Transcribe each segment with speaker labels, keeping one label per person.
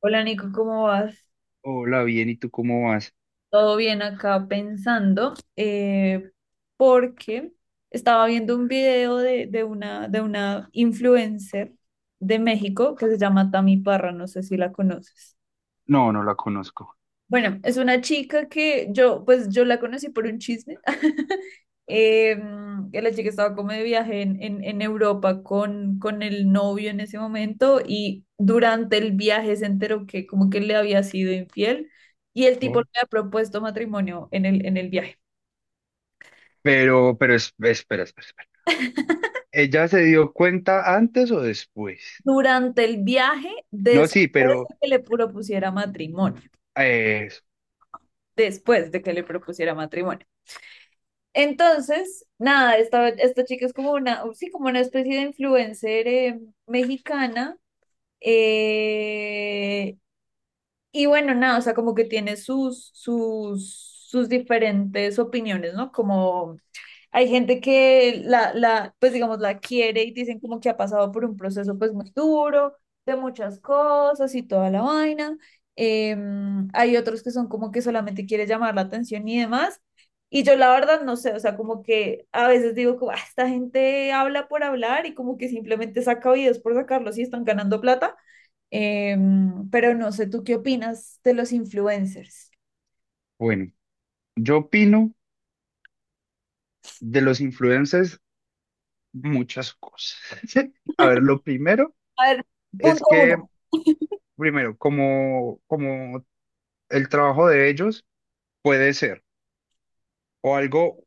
Speaker 1: Hola Nico, ¿cómo vas?
Speaker 2: Hola, bien, ¿y tú cómo vas?
Speaker 1: Todo bien acá pensando, porque estaba viendo un video de una influencer de México que se llama Tami Parra, no sé si la conoces.
Speaker 2: No, no la conozco.
Speaker 1: Bueno, es una chica que yo, pues yo la conocí por un chisme. Eh, que la chica estaba como de viaje en Europa con el novio en ese momento y durante el viaje se enteró que como que le había sido infiel y el tipo le
Speaker 2: ¿No?
Speaker 1: había propuesto matrimonio en el viaje.
Speaker 2: Pero espera, espera. ¿Ella se dio cuenta antes o después?
Speaker 1: Durante el viaje,
Speaker 2: No, sí,
Speaker 1: después
Speaker 2: pero
Speaker 1: de que le propusiera matrimonio,
Speaker 2: eh,
Speaker 1: después de que le propusiera matrimonio. Entonces, nada, esta chica es como una, sí, como una especie de influencer mexicana. eh, y bueno, nada, o sea, como que tiene sus diferentes opiniones, ¿no? Como hay gente que la pues digamos, la quiere y dicen como que ha pasado por un proceso pues muy duro, de muchas cosas y toda la vaina. Hay otros que son como que solamente quiere llamar la atención y demás. Y yo la verdad no sé, o sea, como que a veces digo como, "Ah, esta gente habla por hablar y como que simplemente saca videos por sacarlos y están ganando plata. Pero no sé, ¿tú qué opinas de los influencers?
Speaker 2: bueno, yo opino de los influencers muchas cosas. A ver, lo primero
Speaker 1: A ver,
Speaker 2: es
Speaker 1: punto
Speaker 2: que,
Speaker 1: uno.
Speaker 2: primero, como el trabajo de ellos puede ser o algo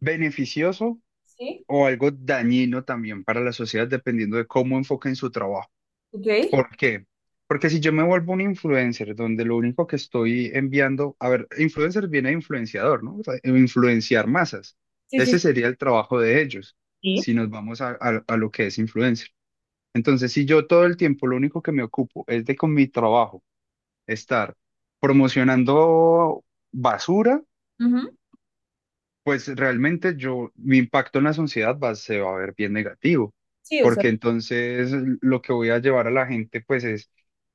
Speaker 2: beneficioso
Speaker 1: Sí,
Speaker 2: o algo dañino también para la sociedad, dependiendo de cómo enfoquen su trabajo.
Speaker 1: ok.
Speaker 2: ¿Por qué? Porque si yo me vuelvo un influencer donde lo único que estoy enviando, a ver, influencer viene de influenciador, ¿no? O sea, influenciar masas.
Speaker 1: Sí, sí,
Speaker 2: Ese
Speaker 1: sí.
Speaker 2: sería el trabajo de ellos,
Speaker 1: Sí.
Speaker 2: si nos vamos a, a lo que es influencer. Entonces, si yo todo el tiempo lo único que me ocupo es de con mi trabajo estar promocionando basura,
Speaker 1: Ujú.
Speaker 2: pues realmente yo, mi impacto en la sociedad va, se va a ver bien negativo,
Speaker 1: Sí, o sea,
Speaker 2: porque entonces lo que voy a llevar a la gente pues es,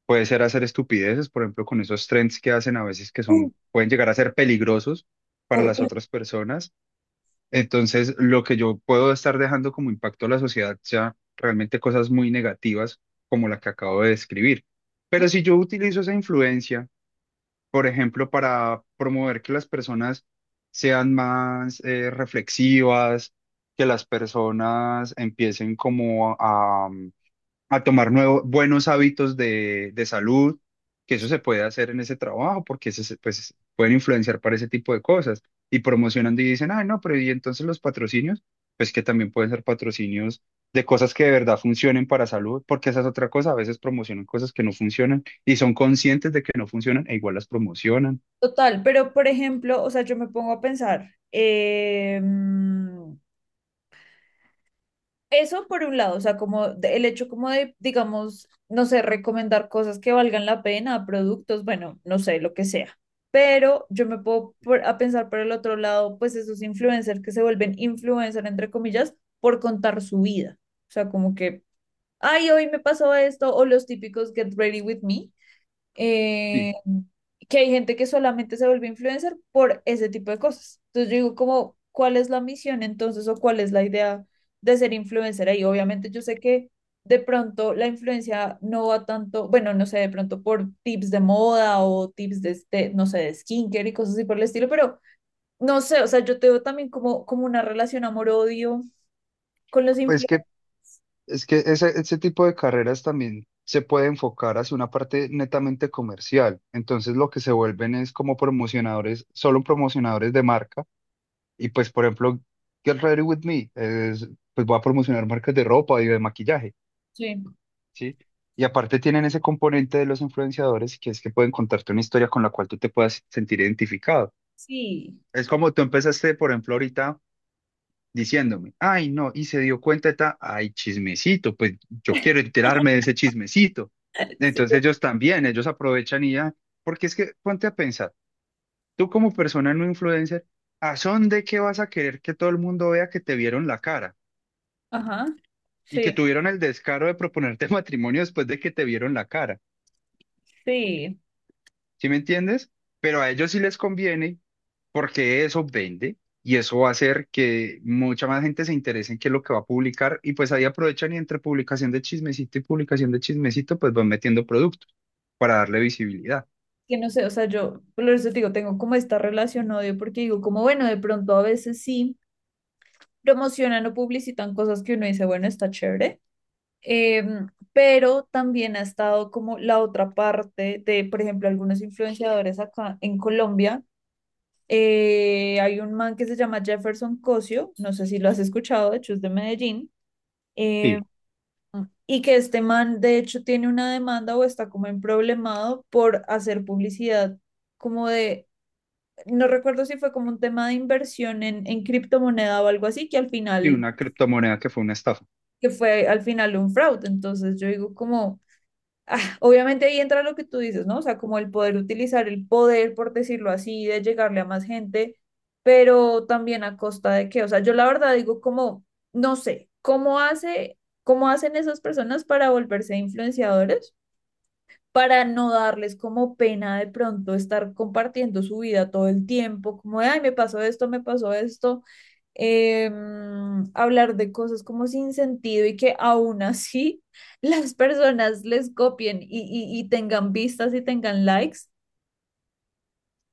Speaker 2: puede ser hacer estupideces, por ejemplo, con esos trends que hacen a veces que
Speaker 1: uh,
Speaker 2: son, pueden llegar a ser peligrosos para las
Speaker 1: horrible.
Speaker 2: otras personas. Entonces lo que yo puedo estar dejando como impacto a la sociedad ya realmente cosas muy negativas como la que acabo de describir.
Speaker 1: ¿No?
Speaker 2: Pero si yo utilizo esa influencia por ejemplo, para promover que las personas sean más reflexivas, que las personas empiecen como a tomar nuevos, buenos hábitos de salud, que eso se puede hacer en ese trabajo, porque pues, pueden influenciar para ese tipo de cosas. Y promocionando y dicen, ah, no, pero y entonces los patrocinios, pues que también pueden ser patrocinios de cosas que de verdad funcionen para salud, porque esa es otra cosa, a veces promocionan cosas que no funcionan y son conscientes de que no funcionan e igual las promocionan.
Speaker 1: Total, pero por ejemplo, o sea, yo me pongo a pensar, eso por un lado, o sea, como de- el hecho como de, digamos, no sé, recomendar cosas que valgan la pena, productos, bueno, no sé, lo que sea. Pero yo me puedo por- a pensar por el otro lado, pues esos influencers que se vuelven influencer, entre comillas, por contar su vida. O sea, como que, ay, hoy me pasó esto, o los típicos Get Ready With Me,
Speaker 2: Sí,
Speaker 1: eh, que hay gente que solamente se vuelve influencer por ese tipo de cosas. Entonces yo digo como, ¿cuál es la misión entonces o cuál es la idea de ser influencer ahí? Obviamente yo sé que de pronto la influencia no va tanto, bueno, no sé, de pronto por tips de moda o tips de, este, no sé, de skincare y cosas así por el estilo, pero no sé, o sea, yo te veo también como, como una relación amor-odio con los
Speaker 2: pues
Speaker 1: influencers.
Speaker 2: que es que ese tipo de carreras también se puede enfocar hacia una parte netamente comercial. Entonces lo que se vuelven es como promocionadores, solo promocionadores de marca. Y pues, por ejemplo, Get Ready With Me, es, pues va a promocionar marcas de ropa y de maquillaje,
Speaker 1: Sí,
Speaker 2: ¿sí? Y aparte tienen ese componente de los influenciadores que es que pueden contarte una historia con la cual tú te puedas sentir identificado.
Speaker 1: sí,
Speaker 2: Es como tú empezaste, por ejemplo, ahorita diciéndome, ay, no, y se dio cuenta, ay, chismecito, pues yo quiero enterarme de ese chismecito.
Speaker 1: sí.
Speaker 2: Entonces ellos también, ellos aprovechan y ya, porque es que ponte a pensar, tú como persona no influencer, ¿a son de qué vas a querer que todo el mundo vea que te vieron la cara
Speaker 1: Ajá,
Speaker 2: y que
Speaker 1: sí,
Speaker 2: tuvieron el descaro de proponerte matrimonio después de que te vieron la cara?
Speaker 1: sí.
Speaker 2: ¿Sí me entiendes? Pero a ellos sí les conviene porque eso vende y eso va a hacer que mucha más gente se interese en qué es lo que va a publicar y pues ahí aprovechan y entre publicación de chismecito y publicación de chismecito pues van metiendo productos para darle visibilidad.
Speaker 1: Que no sé, o sea, yo, por eso te digo, tengo como esta relación odio, porque digo, como bueno, de pronto a veces sí promocionan o publicitan cosas que uno dice, bueno, está chévere, pero también ha estado como la otra parte de, por ejemplo, algunos influenciadores acá en Colombia. Hay un man que se llama Jefferson Cosio, no sé si lo has escuchado, de hecho es de Medellín, em,
Speaker 2: Sí,
Speaker 1: y que este man de hecho tiene una demanda o está como en problemado por hacer publicidad como de no recuerdo si fue como un tema de inversión en criptomoneda o algo así, que al
Speaker 2: sí,
Speaker 1: final,
Speaker 2: una criptomoneda que fue una estafa.
Speaker 1: que fue al final un fraude. Entonces yo digo como, ah, obviamente ahí entra lo que tú dices, ¿no? O sea, como el poder utilizar el poder, por decirlo así, de llegarle a más gente, pero también a costa de qué. O sea, yo la verdad digo como, no sé, ¿cómo hace, cómo hacen esas personas para volverse influenciadores? Para no darles como pena de pronto estar compartiendo su vida todo el tiempo, como, de, ay, me pasó esto, hablar de cosas como sin sentido y que aún así las personas les copien y y tengan vistas y tengan likes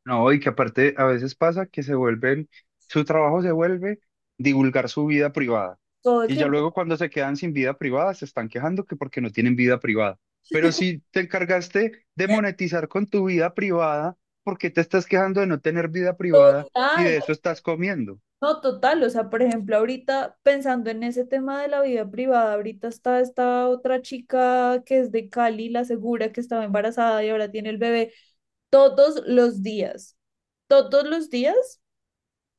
Speaker 2: No, y que aparte a veces pasa que se vuelven, su trabajo se vuelve divulgar su vida privada.
Speaker 1: todo el
Speaker 2: Y ya
Speaker 1: tiempo.
Speaker 2: luego cuando se quedan sin vida privada, se están quejando que porque no tienen vida privada. Pero si te encargaste de monetizar con tu vida privada, ¿por qué te estás quejando de no tener vida privada si
Speaker 1: Total,
Speaker 2: de eso estás comiendo?
Speaker 1: no total. O sea, por ejemplo, ahorita pensando en ese tema de la vida privada, ahorita está esta otra chica que es de Cali, la segura que estaba embarazada y ahora tiene el bebé todos los días. Todos los días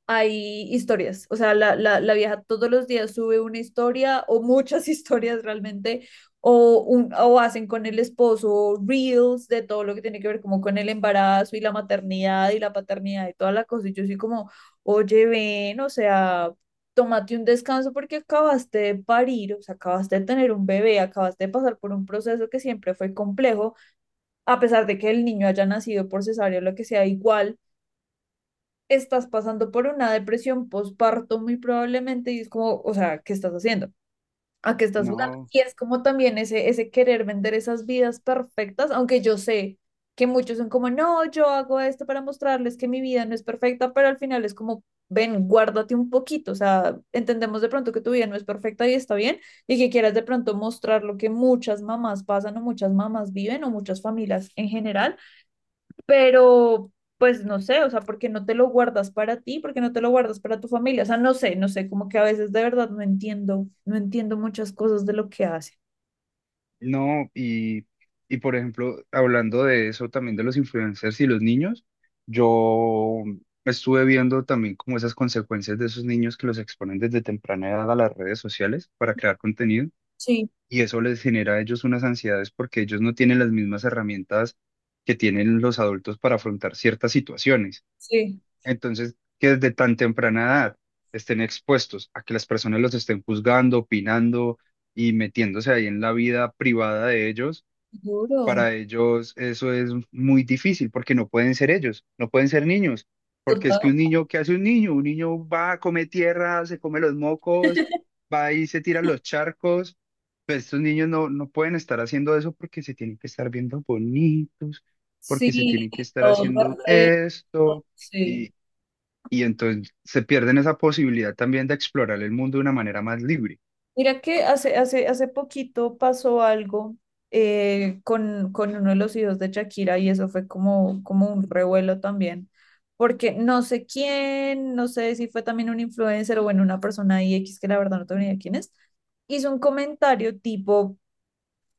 Speaker 1: hay historias, o sea, la vieja todos los días sube una historia o muchas historias realmente, o, un, o hacen con el esposo reels de todo lo que tiene que ver como con el embarazo y la maternidad y la paternidad y toda la cosa. Y yo soy como, oye, ven, o sea, tómate un descanso porque acabaste de parir, o sea, acabaste de tener un bebé, acabaste de pasar por un proceso que siempre fue complejo, a pesar de que el niño haya nacido por cesárea o lo que sea, igual estás pasando por una depresión postparto muy probablemente y es como, o sea, ¿qué estás haciendo? ¿A qué estás jugando?
Speaker 2: No.
Speaker 1: Y es como también ese querer vender esas vidas perfectas, aunque yo sé que muchos son como, no, yo hago esto para mostrarles que mi vida no es perfecta, pero al final es como, ven, guárdate un poquito, o sea, entendemos de pronto que tu vida no es perfecta y está bien, y que quieras de pronto mostrar lo que muchas mamás pasan o muchas mamás viven o muchas familias en general, pero pues no sé, o sea, ¿por qué no te lo guardas para ti? ¿Por qué no te lo guardas para tu familia? O sea, no sé, no sé, como que a veces de verdad no entiendo, no entiendo muchas cosas de lo que hace.
Speaker 2: No, y por ejemplo, hablando de eso también de los influencers y los niños, yo estuve viendo también como esas consecuencias de esos niños que los exponen desde temprana edad a las redes sociales para crear contenido
Speaker 1: Sí,
Speaker 2: y eso les genera a ellos unas ansiedades porque ellos no tienen las mismas herramientas que tienen los adultos para afrontar ciertas situaciones.
Speaker 1: sí,
Speaker 2: Entonces, que desde tan temprana edad estén expuestos a que las personas los estén juzgando, opinando y metiéndose ahí en la vida privada de ellos
Speaker 1: duro,
Speaker 2: para ellos eso es muy difícil porque no pueden ser ellos, no pueden ser niños, porque es que
Speaker 1: total.
Speaker 2: un niño, ¿qué hace un niño? Un niño va, come tierra, se come los mocos, va y se tira a los charcos. Pues estos niños no, no pueden estar haciendo eso porque se tienen que estar viendo bonitos, porque se
Speaker 1: Sí,
Speaker 2: tienen que estar
Speaker 1: todo
Speaker 2: haciendo
Speaker 1: perfecto,
Speaker 2: esto y,
Speaker 1: sí.
Speaker 2: y entonces se pierden esa posibilidad también de explorar el mundo de una manera más libre.
Speaker 1: Mira que hace hace poquito pasó algo con uno de los hijos de Shakira y eso fue como, como un revuelo también, porque no sé quién, no sé si fue también un influencer o bueno, una persona ahí X que la verdad no tengo ni idea quién es, hizo un comentario tipo,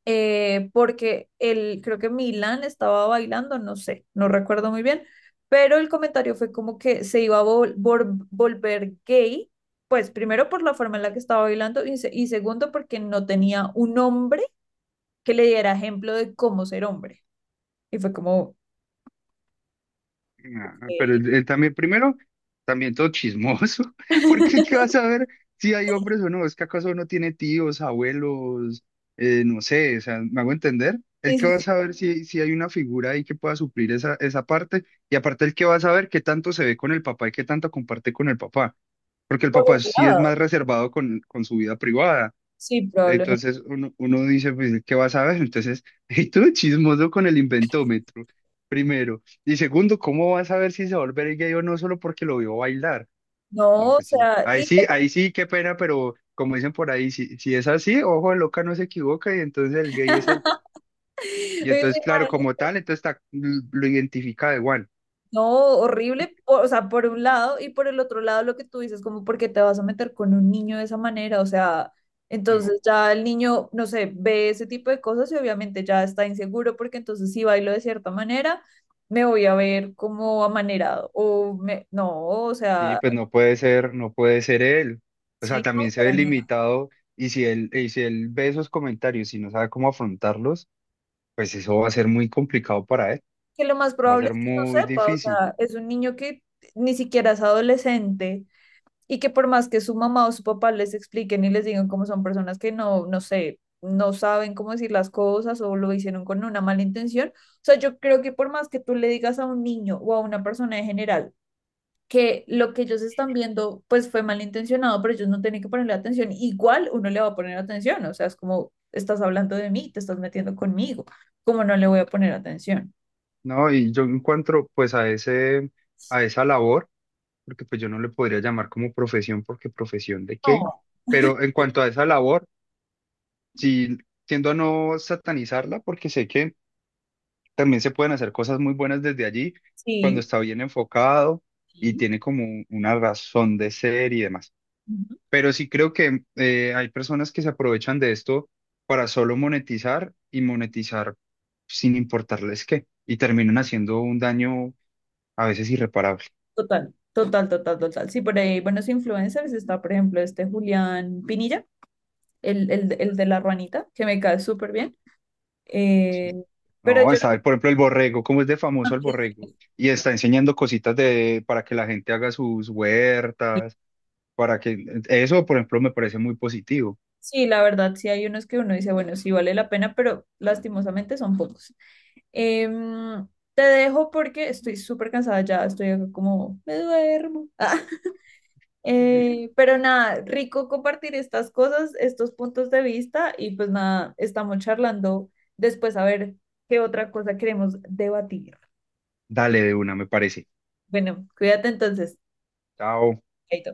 Speaker 1: porque el, creo que Milán estaba bailando, no sé, no recuerdo muy bien, pero el comentario fue como que se iba a volver gay, pues primero por la forma en la que estaba bailando y, se- y segundo porque no tenía un hombre que le diera ejemplo de cómo ser hombre. Y fue como, "Ok,
Speaker 2: Ah, pero
Speaker 1: sí,
Speaker 2: él también, primero, también todo chismoso, porque ¿qué vas a ver si hay hombres o no? ¿Es que acaso uno tiene tíos, abuelos, no sé, o sea, me hago entender? ¿El
Speaker 1: sí,
Speaker 2: que va a
Speaker 1: sí,
Speaker 2: saber si, si hay una figura ahí que pueda suplir esa parte? Y aparte, el que va a saber qué tanto se ve con el papá y qué tanto comparte con el papá, porque el
Speaker 1: por
Speaker 2: papá
Speaker 1: un
Speaker 2: sí es
Speaker 1: lado,
Speaker 2: más reservado con su vida privada.
Speaker 1: sí, probablemente.
Speaker 2: Entonces uno dice, pues, ¿qué vas a ver? Entonces, y tú chismoso con el inventómetro, primero. Y segundo, ¿cómo vas a ver si se va a volver gay o no solo porque lo vio bailar? No,
Speaker 1: No, o
Speaker 2: pues sí.
Speaker 1: sea,
Speaker 2: Ahí
Speaker 1: y
Speaker 2: sí, ahí sí, qué pena, pero como dicen por ahí, si, si es así, ojo, de loca no se equivoca y entonces el gay es él. Y entonces, claro, como tal, lo identifica de Juan.
Speaker 1: no, horrible, o sea, por un lado y por el otro lado lo que tú dices, como porque te vas a meter con un niño de esa manera, o sea,
Speaker 2: No,
Speaker 1: entonces ya el niño, no sé, ve ese tipo de cosas y obviamente ya está inseguro porque entonces si bailo de cierta manera, me voy a ver como amanerado o me, no, o
Speaker 2: sí,
Speaker 1: sea,
Speaker 2: pues no puede ser, no puede ser él. O sea,
Speaker 1: sí, no,
Speaker 2: también se ve
Speaker 1: para nada.
Speaker 2: limitado y si él ve esos comentarios y no sabe cómo afrontarlos. Pues eso va a ser muy complicado para él,
Speaker 1: Que lo más
Speaker 2: va a
Speaker 1: probable
Speaker 2: ser
Speaker 1: es que no
Speaker 2: muy
Speaker 1: sepa, o
Speaker 2: difícil,
Speaker 1: sea, es un niño que ni siquiera es adolescente y que por más que su mamá o su papá les expliquen y les digan cómo son personas que no, no sé, no saben cómo decir las cosas o lo hicieron con una mala intención, o sea, yo creo que por más que tú le digas a un niño o a una persona en general que lo que ellos están viendo pues fue malintencionado, pero ellos no tienen que ponerle atención, igual uno le va a poner atención, o sea, es como estás hablando de mí, te estás metiendo conmigo, cómo no le voy a poner atención.
Speaker 2: ¿no? Y yo encuentro pues a ese, a esa labor, porque pues yo no le podría llamar como profesión, porque profesión de qué,
Speaker 1: No,
Speaker 2: pero en cuanto a esa labor, sí tiendo a no satanizarla, porque sé que también se pueden hacer cosas muy buenas desde allí, cuando
Speaker 1: sí,
Speaker 2: está bien enfocado y
Speaker 1: sí.
Speaker 2: tiene como una razón de ser y demás. Pero sí creo que hay personas que se aprovechan de esto para solo monetizar y monetizar sin importarles qué, y terminan haciendo un daño a veces irreparable.
Speaker 1: Total, total, total, total. Sí, por ahí buenos influencers está, por ejemplo, este Julián Pinilla, el de la ruanita, que me cae súper bien. Eh,
Speaker 2: Sí.
Speaker 1: pero
Speaker 2: No,
Speaker 1: yo
Speaker 2: está, por ejemplo, el borrego, ¿cómo es de famoso el
Speaker 1: también,
Speaker 2: borrego? Y está enseñando cositas de, para que la gente haga sus
Speaker 1: sí,
Speaker 2: huertas, para que eso, por ejemplo, me parece muy positivo.
Speaker 1: sí, la verdad, sí hay unos que uno dice, bueno, sí vale la pena, pero lastimosamente son pocos. Em, Te dejo porque estoy súper cansada ya, estoy acá como, me duermo. Pero nada, rico compartir estas cosas, estos puntos de vista y pues nada, estamos charlando después a ver qué otra cosa queremos debatir.
Speaker 2: Dale de una, me parece.
Speaker 1: Bueno, cuídate entonces.
Speaker 2: Chao.
Speaker 1: Chaito.